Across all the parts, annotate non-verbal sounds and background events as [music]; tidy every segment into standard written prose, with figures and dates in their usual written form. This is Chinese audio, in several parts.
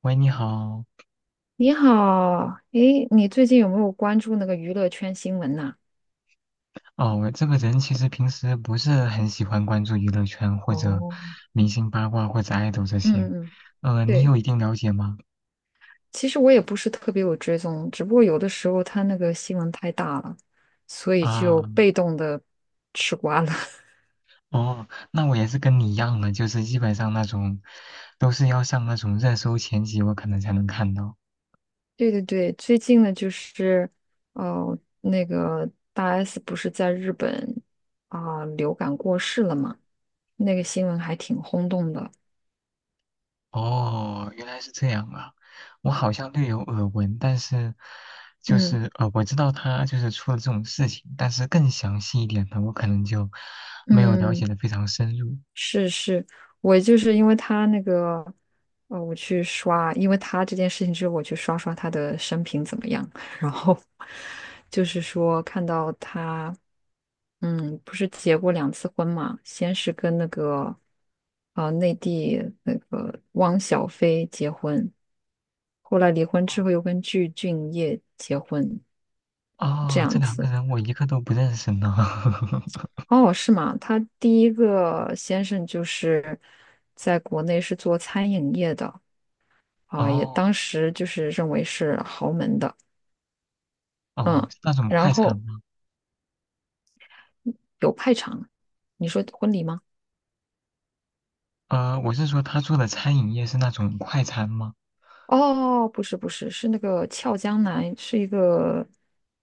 喂，你好。你好，诶，你最近有没有关注那个娱乐圈新闻呐、哦，我这个人其实平时不是很喜欢关注娱乐圈或者哦，明星八卦或者爱豆这些。嗯嗯嗯，你对，有一定了解吗？其实我也不是特别有追踪，只不过有的时候他那个新闻太大了，所以啊，就被动的吃瓜了。[laughs] 哦，那我也是跟你一样的，就是基本上那种都是要上那种热搜前几，我可能才能看到。对对对，最近呢就是，哦、那个大 S 不是在日本流感过世了嘛，那个新闻还挺轰动的。哦，原来是这样啊。我好像略有耳闻，但是就嗯是呃，我知道他就是出了这种事情，但是更详细一点的，我可能就没有了解嗯。的非常深入。是是，我就是因为他那个，我去刷，因为他这件事情之后，我去刷刷他的生平怎么样，[laughs] 然后就是说看到他，嗯，不是结过两次婚嘛，先是跟那个，内地那个汪小菲结婚，后来离婚之后又跟具俊晔结婚，这哦，这样两个子。人我一个都不认识呢。[laughs] 哦，是吗？他第一个先生就是在国内是做餐饮业的啊，也哦当时就是认为是豪门的，哦，嗯，是那种然快餐后吗？有派场。你说婚礼吗？呃，我是说他做的餐饮业是那种快餐吗？哦，不是不是，是那个俏江南，是一个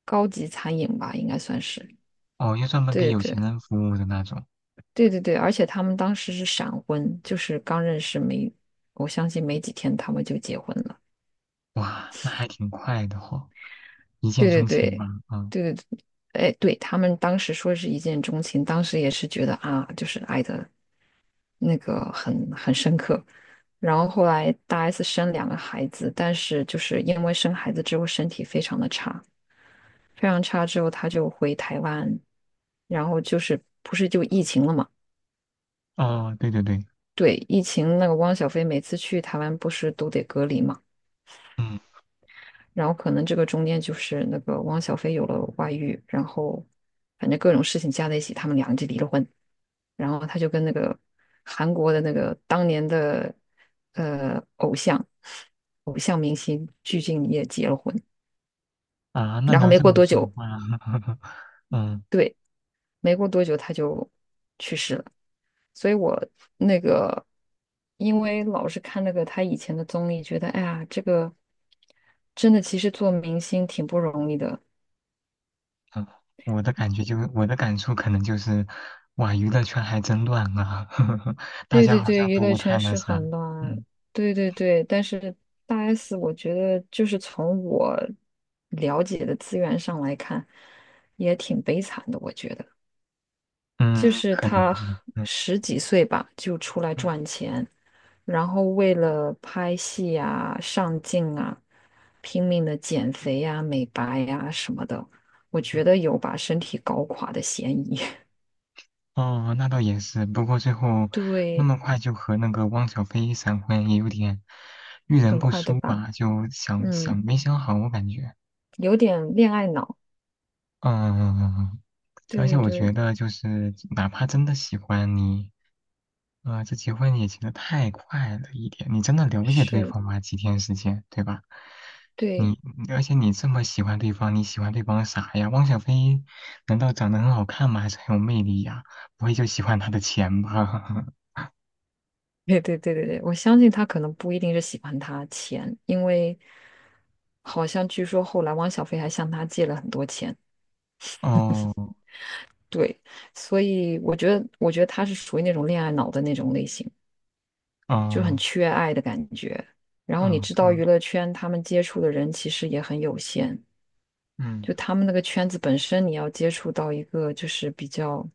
高级餐饮吧，应该算是。哦，又专门给对有对钱人服务的那种。对对对，而且他们当时是闪婚，就是刚认识没，我相信没几天他们就结婚了。哇，那还挺快的哦，一见对对钟情吧？对，啊，对对对，哎，对，他们当时说是一见钟情，当时也是觉得啊，就是爱的那个很深刻。然后后来大 S 生两个孩子，但是就是因为生孩子之后身体非常的差，非常差之后他就回台湾，然后就是不是就疫情了嘛？哦，对对对，对，疫情那个汪小菲每次去台湾不是都得隔离嘛？嗯然后可能这个中间就是那个汪小菲有了外遇，然后反正各种事情加在一起，他们俩就离了婚。然后他就跟那个韩国的那个当年的偶像明星鞠婧祎也结了婚。啊，那然你后要没这过么多说的久，话，[laughs] 嗯对，没过多久他就去世了。所以我那个，因为老是看那个他以前的综艺，觉得哎呀，这个真的其实做明星挺不容易的。嗯，我的感觉就我的感触可能就是，哇，娱乐圈还真乱啊，[laughs] 大对家对好对，像娱都乐不太圈那是啥，很乱，嗯对对对，但是大 S，我觉得就是从我了解的资源上来看，也挺悲惨的。我觉得，就嗯，是可能她吧，嗯。十几岁吧就出来嗯赚钱，然后为了拍戏啊、上镜啊，拼命的减肥呀、美白呀、什么的，我觉得有把身体搞垮的嫌疑。哦，那倒也是。不过最后 [laughs] 那对，么快就和那个汪小菲闪婚，也有点遇人很不快，对淑吧？吧？就想想嗯，没想好，我感觉。有点恋爱脑。嗯，对而且对我觉对，得就是，哪怕真的喜欢你，啊、这结婚也结的太快了一点。你真的了解对是，方吗？几天时间，对吧？对，你而且你这么喜欢对方，你喜欢对方啥呀？汪小菲难道长得很好看吗？还是很有魅力呀？不会就喜欢他的钱吧？对对对对对，我相信他可能不一定是喜欢他钱，因为好像据说后来汪小菲还向他借了很多钱，[laughs] 哦对，所以我觉得，我觉得他是属于那种恋爱脑的那种类型，就很哦缺爱的感觉。然后你哦，知就道娱乐圈他们接触的人其实也很有限，嗯就他们那个圈子本身，你要接触到一个就是比较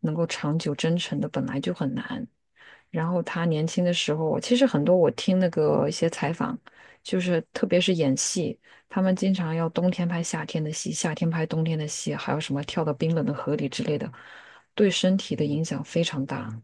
能够长久真诚的，本来就很难。然后他年轻的时候，其实很多我听那个一些采访，就是特别是演戏，他们经常要冬天拍夏天的戏，夏天拍冬天的戏，还有什么跳到冰冷的河里之类的，对身体的影响非常大。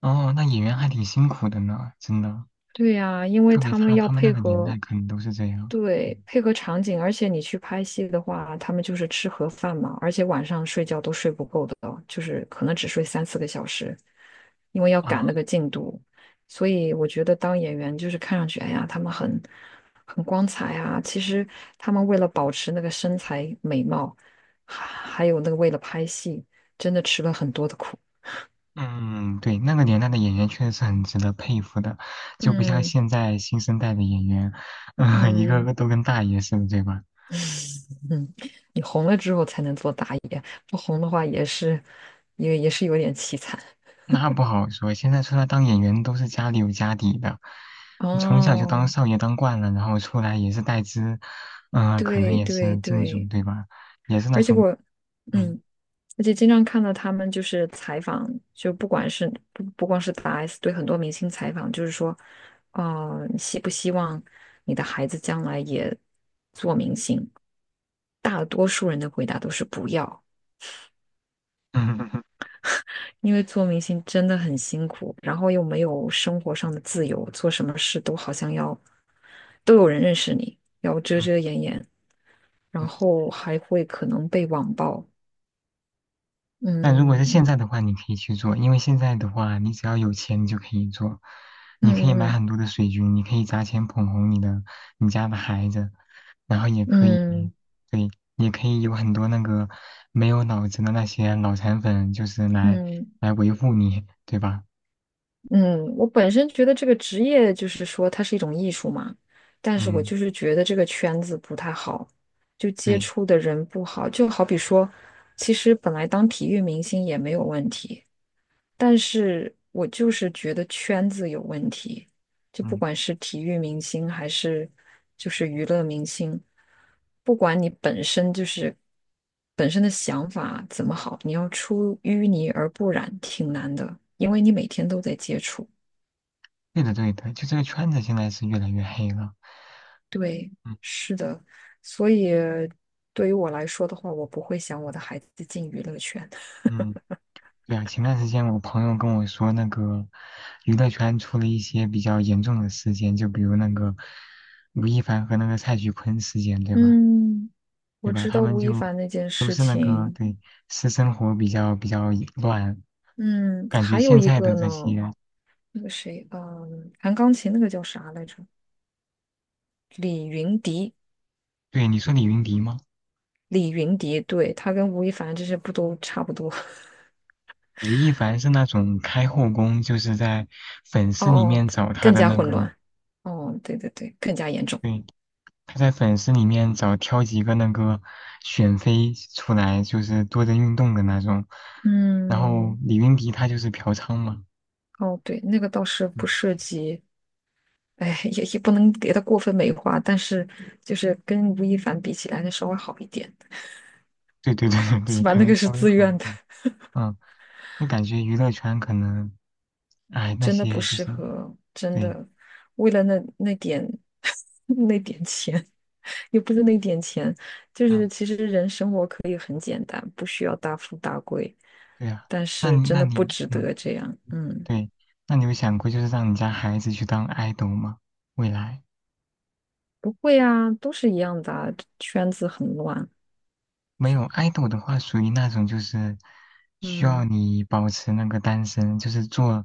哦，那演员还挺辛苦的呢，真的，对呀，因为特别他们他要他们那配个年合，代可能都是这样。对，嗯配合场景，而且你去拍戏的话，他们就是吃盒饭嘛，而且晚上睡觉都睡不够的，就是可能只睡3、4个小时，因为要赶那啊。个进度。所以我觉得当演员就是看上去，哎呀，他们很光彩啊，其实他们为了保持那个身材美貌，还有那个为了拍戏，真的吃了很多的苦。嗯，对，那个年代的演员确实是很值得佩服的，就不像嗯现在新生代的演员，嗯、[laughs] 一个嗯。个都跟大爷似的，对吧？嗯，你红了之后才能做打野，不红的话也是，也是有点凄惨。那不好说，现在出来当演员都是家里有家底的，从小就当哦，少爷当惯了，然后出来也是带资，嗯、可能对也对是进组，对，对吧？也是那而且种，我，嗯 嗯，而且经常看到他们就是采访，就不管是不光是大 S 对很多明星采访，就是说，哦、你希不希望你的孩子将来也做明星？大多数人的回答都是不要，[laughs] 嗯嗯因为做明星真的很辛苦，然后又没有生活上的自由，做什么事都好像要都有人认识你，要遮嗯 遮掩掩，然 [laughs] 后还会可能被网暴。但如果是现嗯在的话，你可以去做，因为现在的话，你只要有钱，你就可以做。你可以买嗯很多的水军，你可以砸钱捧红你的你家的孩子，然后也可以，嗯嗯对，也可以有很多那个没有脑子的那些脑残粉，就是来嗯，来维护你，对吧？嗯，我本身觉得这个职业就是说它是一种艺术嘛，但是我嗯，就是觉得这个圈子不太好，就接对，触的人不好，就好比说，其实本来当体育明星也没有问题。但是我就是觉得圈子有问题，就不嗯，管是体育明星还是就是娱乐明星，不管你本身就是本身的想法怎么好，你要出淤泥而不染挺难的，因为你每天都在接触。对的，对的，就这个圈子现在是越来越黑了，对，嗯是的，所以对于我来说的话，我不会想我的孩子进娱乐圈。嗯。对啊，前段时间我朋友跟我说，那个娱乐圈出了一些比较严重的事件，就比如那个吴亦凡和那个蔡徐坤事件，对吧？嗯，对我吧？知他道们吴亦就凡那件都事是那个情。对私生活比较乱，嗯，感觉还有现一在的个呢，这些，那个谁，嗯，弹钢琴那个叫啥来着？对你说李云迪吗？李云迪，对，他跟吴亦凡这些不都差不多？[laughs] 吴亦凡是那种开后宫，就是在粉哦丝里哦，面找他更的加那混个，乱。哦，对对对，更加严重。对，他在粉丝里面找挑几个那个选妃出来，就是多人运动的那种。然后嗯，李云迪他就是嫖娼嘛，哦对，那个倒是不嗯，涉及，哎，也不能给他过分美化，但是就是跟吴亦凡比起来，那稍微好一点，对对对对对，起码可那能个是稍微自好一愿的。点。嗯，那感觉娱乐圈可能，哎，那真的不些就适是合，真对，的为了那点 [laughs] 那点钱，[laughs] 又不是那点钱，就是嗯，其实人生活可以很简单，不需要大富大贵，对啊。但那是你真那的不你，值嗯，得这样。嗯，对，那你有想过就是让你家孩子去当 idol 吗？未来？不会啊，都是一样的啊圈子很乱。没有爱豆的话，属于那种就是需要嗯，你保持那个单身，就是做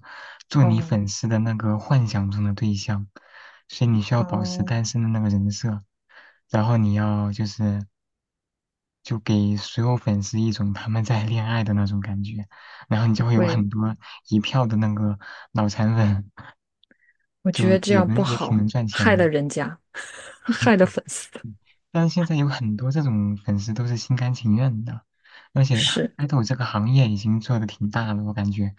做你哦粉丝的那个幻想中的对象，所以你需要保持哦，单身的那个人设，然后你要就是就给所有粉丝一种他们在恋爱的那种感觉，然后你就不会有会，很多一票的那个脑残粉，我觉就得这也样不能也挺能好，赚钱害了的。人家，[laughs] 害了粉丝。嗯但是现在有很多这种粉丝都是心甘情愿的，而且哈是，爱豆这个行业已经做的挺大了，我感觉，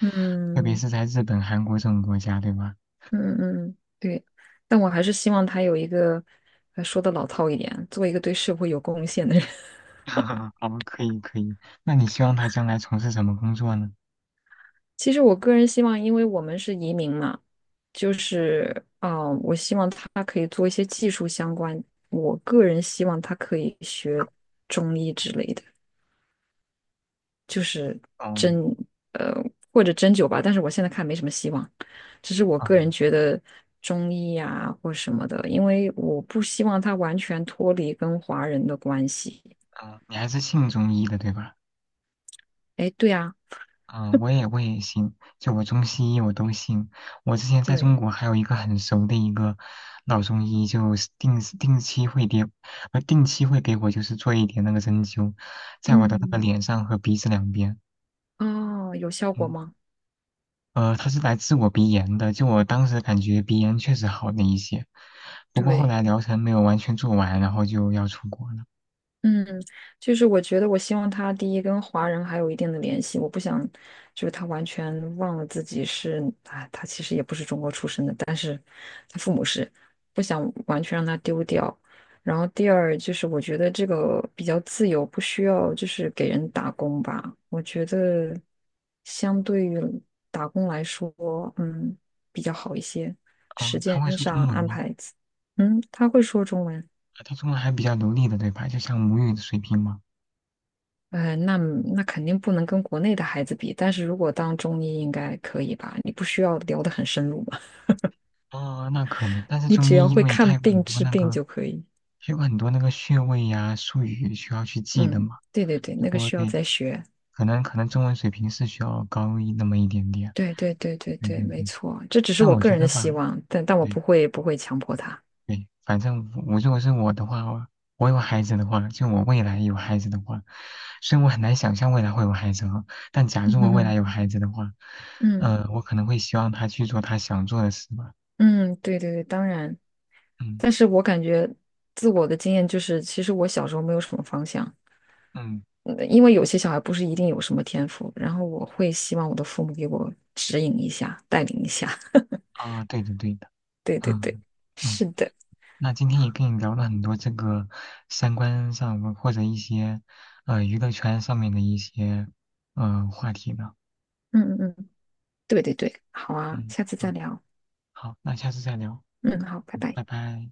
特别嗯。是在日本、韩国这种国家，对吧？嗯嗯嗯，对，但我还是希望他有一个，说的老套一点，做一个对社会有贡献的人。[laughs] [laughs] 好，可以可以。那你希望他将来从事什么工作呢？其实我个人希望，因为我们是移民嘛，就是我希望他可以做一些技术相关。我个人希望他可以学中医之类的，就是哦，针，呃，或者针灸吧。但是我现在看没什么希望，只是我个哦，人觉得中医呀、或什么的，因为我不希望他完全脱离跟华人的关系。哦，你还是信中医的，对吧？哎，对啊，嗯，我也信，就我中西医我都信。我之前在中对，国还有一个很熟的一个老中医，就是定时定期会给，定期会给我就是做一点那个针灸，在我的那个嗯，脸上和鼻子两边。哦，有效果嗯，吗？他是来治我鼻炎的，就我当时感觉鼻炎确实好了一些，不过后对。来疗程没有完全做完，然后就要出国了。嗯，就是我觉得，我希望他第一跟华人还有一定的联系，我不想就是他完全忘了自己是，啊，他其实也不是中国出生的，但是他父母是，不想完全让他丢掉。然后第二就是我觉得这个比较自由，不需要就是给人打工吧。我觉得相对于打工来说，嗯，比较好一些，时啊，他间会说上中文安吗？排，嗯，他会说中文。啊他中文还比较流利的，对吧？就像母语的水平吗？呃，那那肯定不能跟国内的孩子比，但是如果当中医应该可以吧？你不需要聊得很深入嘛，哦，那可能，但 [laughs] 是你中只医要因会为看它有很病多治那病个，就可以。它有很多那个穴位呀、术语需要去记的嗯，嘛。对对对，如那个果需要对，再学。可能中文水平是需要高一那么一点点。对对对对对对，对没对，错，这只是但我我个觉人的得希吧，望，但我对不会强迫他。对，反正我如果是我的话，我有孩子的话，就我未来有孩子的话，虽然我很难想象未来会有孩子啊，但 [laughs] 假嗯如我哼未来哼有孩子的话，嗯我可能会希望他去做他想做的事吧。嗯，对对对，当然，嗯但是我感觉自我的经验就是，其实我小时候没有什么方向，嗯因为有些小孩不是一定有什么天赋，然后我会希望我的父母给我指引一下，带领一下。[laughs] 啊，对的对的。对对对，嗯嗯，是的，那今天也跟你聊了很多这个三观上或者一些娱乐圈上面的一些话题呢。嗯嗯嗯，对对对，好啊，嗯，下次再好，聊。好，那下次再聊。嗯，好，拜嗯，拜。拜拜。